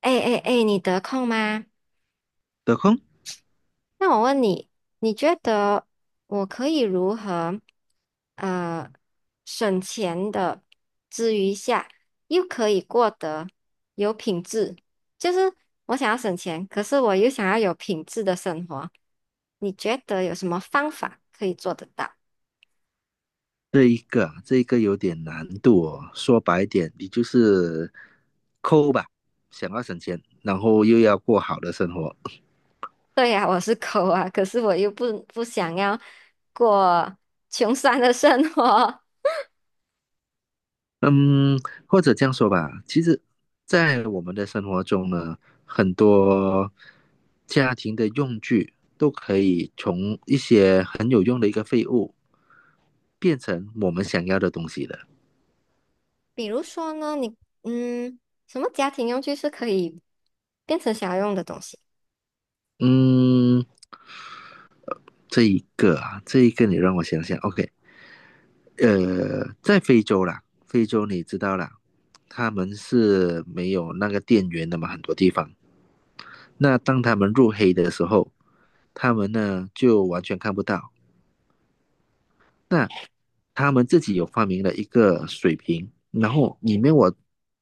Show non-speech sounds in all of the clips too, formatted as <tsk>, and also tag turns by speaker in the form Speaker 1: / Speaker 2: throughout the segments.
Speaker 1: 哎哎哎，你得空吗？
Speaker 2: 得空。
Speaker 1: 那我问你，你觉得我可以如何呃省钱的之余下，又可以过得有品质？就是我想要省钱，可是我又想要有品质的生活，你觉得有什么方法可以做得到？<laughs>
Speaker 2: 这一个有点难度哦。说白点，你就是抠吧，想要省钱，然后又要过好的生活。
Speaker 1: 对呀，我是抠啊，可是我又不想要过穷酸的生活。<laughs>
Speaker 2: 嗯，或者这样说吧，其实，在我们的生活中呢，很多家庭的用具都可以从一些很有用的一个废物，变成我们想要的东西的。
Speaker 1: 比如说呢，你嗯，什么家庭用具是可以变成想要用的东西？
Speaker 2: 嗯，这一个你让我想想，OK，在非洲啦，非洲你知道啦，他们是没有那个电源的嘛，很多地方。那当他们入黑的时候，他们呢就完全看不到，那他们自己有发明了一个水瓶，然后里面我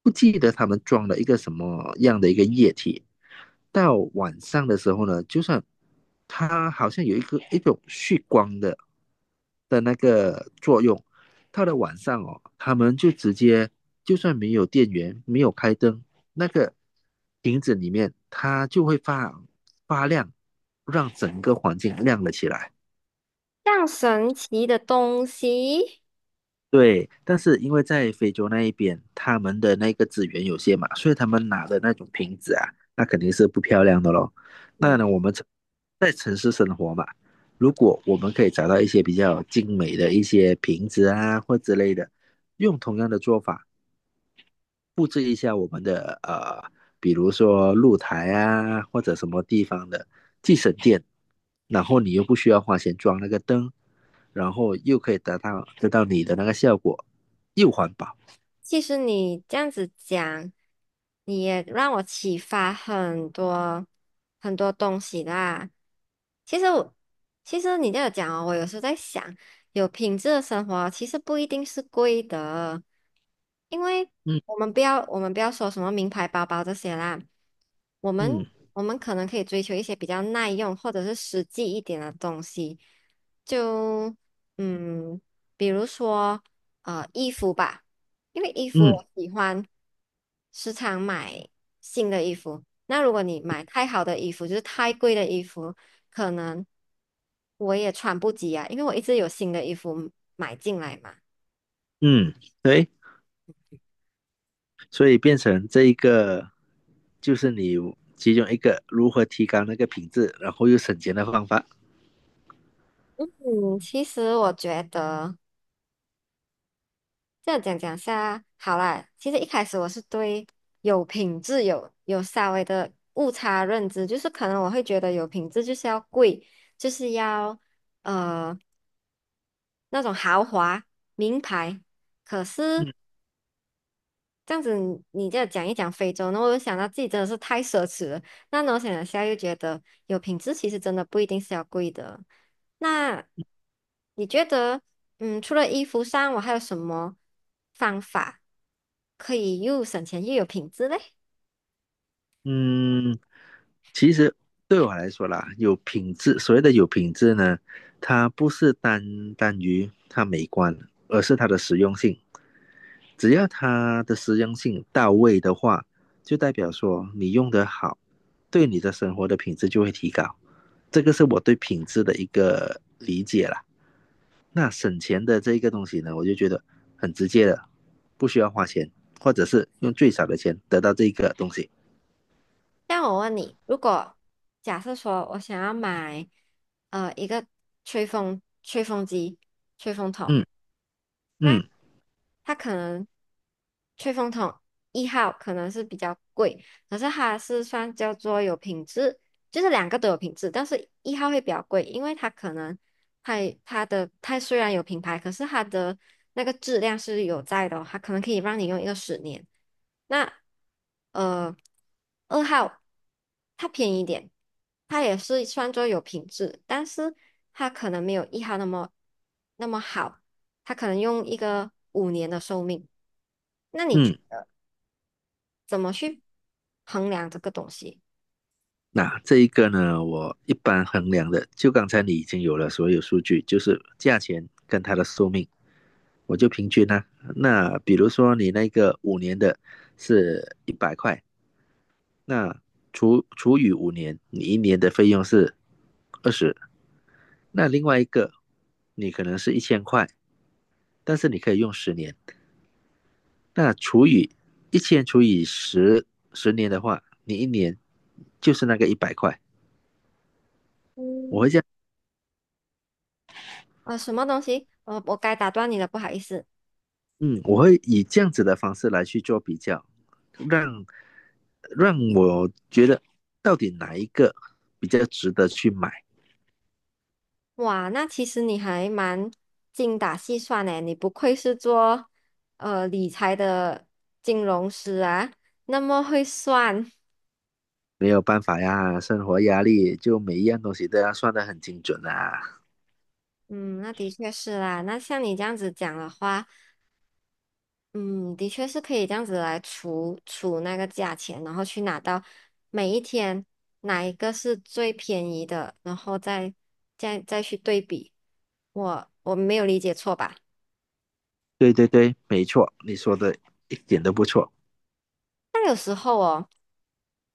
Speaker 2: 不记得他们装了一个什么样的一个液体。到晚上的时候呢，就算它好像有一种蓄光的那个作用，到了晚上哦，他们就直接就算没有电源，没有开灯，那个瓶子里面它就会发亮，让整个环境亮了起来。
Speaker 1: 像神奇的东西。
Speaker 2: 对，但是因为在非洲那一边，他们的那个资源有限嘛，所以他们拿的那种瓶子啊，那肯定是不漂亮的喽。那
Speaker 1: 嗯。
Speaker 2: 呢，我们城在城市生活嘛，如果我们可以找到一些比较精美的一些瓶子啊或之类的，用同样的做法。布置一下我们的比如说露台啊，或者什么地方的，既省电，然后你又不需要花钱装那个灯，然后又可以达到得到你的那个效果，又环保。
Speaker 1: 其实你这样子讲，你也让我启发很多很多东西啦。其实我，其实你这样讲哦，我有时候在想，有品质的生活其实不一定是贵的，因为
Speaker 2: 嗯
Speaker 1: 我们不要说什么名牌包包这些啦，我们
Speaker 2: 嗯
Speaker 1: 我们可能可以追求一些比较耐用或者是实际一点的东西，就嗯，比如说衣服吧。因为衣服
Speaker 2: 嗯
Speaker 1: 我喜欢时常买新的衣服，那如果你买太好的衣服，就是太贵的衣服，可能我也穿不及啊，因为我一直有新的衣服买进来嘛。
Speaker 2: 嗯，对，所以变成这一个就是你其中一个如何提高那个品质，然后又省钱的方法。
Speaker 1: 嗯，其实我觉得这样讲讲下，好啦，其实一开始我是对有品质有稍微的误差认知，就是可能我会觉得有品质就是要贵，就是要呃那种豪华名牌。可是
Speaker 2: 嗯
Speaker 1: 这样子你这样讲一讲非洲，那我就想到自己真的是太奢侈了。那呢，我想了下，又觉得有品质其实真的不一定是要贵的。那你觉得，除了衣服上，我还有什么方法可以又省钱又有品质嘞？
Speaker 2: 嗯，其实对我来说啦，有品质，所谓的有品质呢，它不是单单于它美观，而是它的实用性。只要它的实用性到位的话，就代表说你用得好，对你的生活的品质就会提高。这个是我对品质的一个理解啦。那省钱的这一个东西呢，我就觉得很直接的，不需要花钱，或者是用最少的钱得到这个东西。
Speaker 1: 像我问你，如果假设说我想要买一个吹风机、吹风筒，
Speaker 2: 嗯
Speaker 1: 那
Speaker 2: 嗯
Speaker 1: 它可能吹风筒一号可能是比较贵，可是它是算叫做有品质，就是两个都有品质，但是一号会比较贵，因为它可能它它的它虽然有品牌，可是它的那个质量是有在的哦它可能可以让你用一个10年。那呃，二号它便宜一点，它也是算作有品质，但是它可能没有一号那么好。它可能用一个5年的寿命。那你觉
Speaker 2: 嗯。
Speaker 1: 得怎么去衡量这个东西？
Speaker 2: 那这一个呢，我一般衡量的，就刚才你已经有了所有数据，就是价钱跟它的寿命，我就平均呢、那比如说你那个五年的是一百块，那除除以五年，你一年的费用是20，那另外一个你可能是1000块，但是你可以用十年，那除以1000除以10，十年的话，你一年就是那个一百块。我
Speaker 1: 嗯，
Speaker 2: 会这样。
Speaker 1: 什么东西？我该打断你了，不好意思。
Speaker 2: 嗯，我会以这样子的方式来去做比较，让让我觉得到底哪一个比较值得去买。
Speaker 1: 哇，那其实你还蛮精打细算呢，你不愧是做理财的金融师啊，那么会算。
Speaker 2: 没有办法呀，生活压力就每一样东西都要算的很精准啊。
Speaker 1: 嗯，那的确是啦。那像你这样子讲的话，嗯，的确是可以这样子来除除那个价钱，然后去拿到每一天哪一个是最便宜的，然后再去对比。我没有理解错吧？
Speaker 2: 对对对，没错，你说的一点都不错。
Speaker 1: 但有时候哦。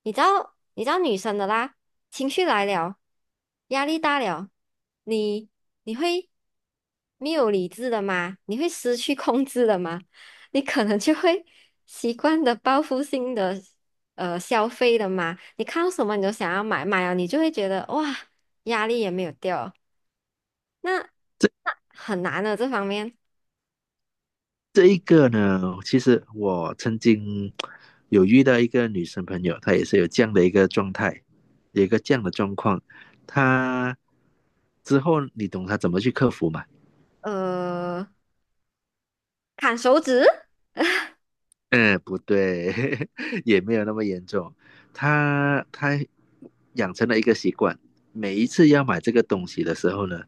Speaker 1: 你知道，你知道女生的啦，情绪来了，压力大了，你你会没有理智的吗？你会失去控制的吗？你可能就会习惯的报复性的消费的嘛。你看到什么你都想要买，买了你就会觉得哇，压力也没有掉，那那很难的这方面。
Speaker 2: 这一个呢，其实我曾经有遇到一个女生朋友，她也是有这样的一个状态，有一个这样的状况。她之后你懂她怎么去克服吗？
Speaker 1: 呃，砍手指。
Speaker 2: 嗯，不对，<laughs> 也没有那么严重。他养成了一个习惯，每一次要买这个东西的时候呢，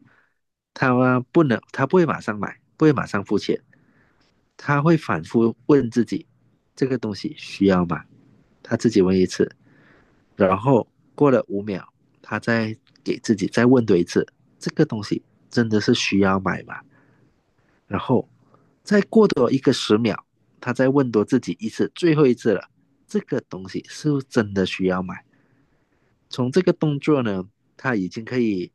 Speaker 2: 他不能，他不会马上买，不会马上付钱，他会反复问自己，这个东西需要吗？他自己问一次，然后过了5秒，他再给自己再问多一次，这个东西真的是需要买吗？然后再过多一个10秒，他再问多自己一次，最后一次了，这个东西是不是真的需要买？从这个动作呢，他已经可以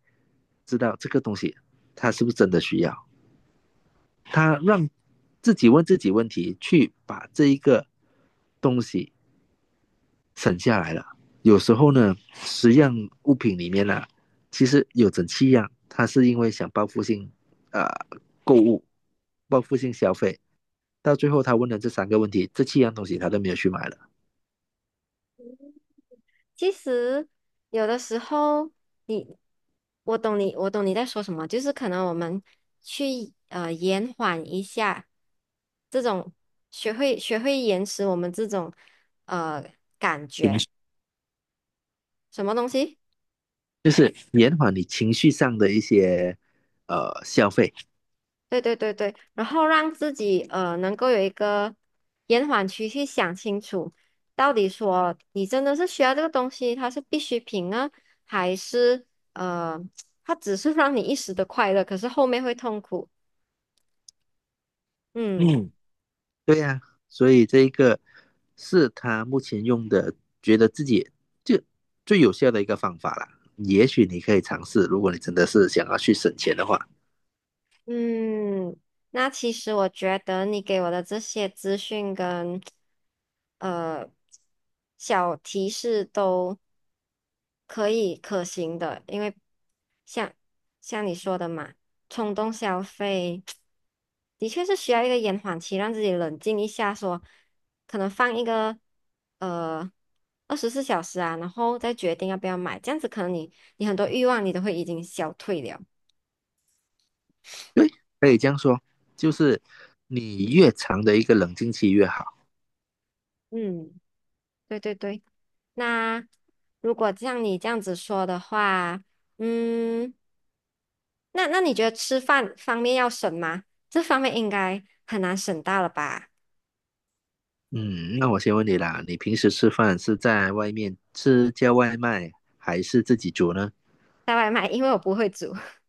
Speaker 2: 知道这个东西他是不是真的需要。他让自己问自己问题，去把这一个东西省下来了。有时候呢，10样物品里面呢、啊其实有整七样，他是因为想报复性呃购物、报复性消费，到最后他问了这3个问题，这7样东西他都没有去买了，
Speaker 1: 其实有的时候你，我懂你，我懂你在说什么，就是可能我们去延缓一下这种学会延迟我们这种呃感觉什么东西？
Speaker 2: 就是延缓你情绪上的一些消费。
Speaker 1: 对对对对，然后让自己能够有一个延缓期去想清楚，到底说你真的是需要这个东西，它是必需品呢，还是呃它只是让你一时的快乐，可是后面会痛苦。嗯
Speaker 2: 嗯，对呀、所以这一个是他目前用的，觉得自己就最有效的一个方法啦。也许你可以尝试，如果你真的是想要去省钱的话，
Speaker 1: 嗯，那其实我觉得你给我的这些资讯跟呃小提示都可以可行的，因为像像你说的嘛，冲动消费 <tsk> 的确是需要一个延缓期，让自己冷静一下说可能放一个呃24小时啊，然后再决定要不要买，这样子可能你很多欲望你都会已经消退了。
Speaker 2: 可以这样说，就是你越长的一个冷静期越好。
Speaker 1: 嗯，对对对。那如果像你这样子说的话，嗯，那你觉得吃饭方面要省吗？这方面应该很难省到了吧？
Speaker 2: 嗯，那我先问你啦，你平时吃饭是在外面吃叫外卖，还是自己煮呢？
Speaker 1: 带外卖，因为我不会煮。<laughs>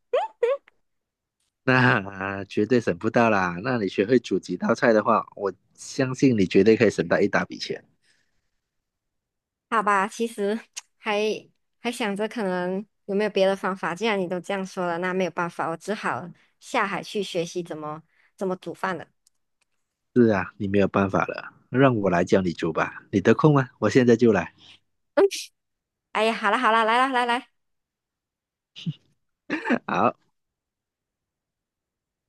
Speaker 2: <laughs> 那绝对省不到啦。那你学会煮几道菜的话，我相信你绝对可以省到一大笔钱。
Speaker 1: 好吧，其实还还想着可能有没有别的方法。既然你都这样说了，那没有办法，我只好下海去学习怎么煮饭了。
Speaker 2: 是啊，你没有办法了，让我来教你煮吧。你得空吗？我现在就来。
Speaker 1: <laughs> 哎呀，好了好了，来啦来来。
Speaker 2: <laughs> 好。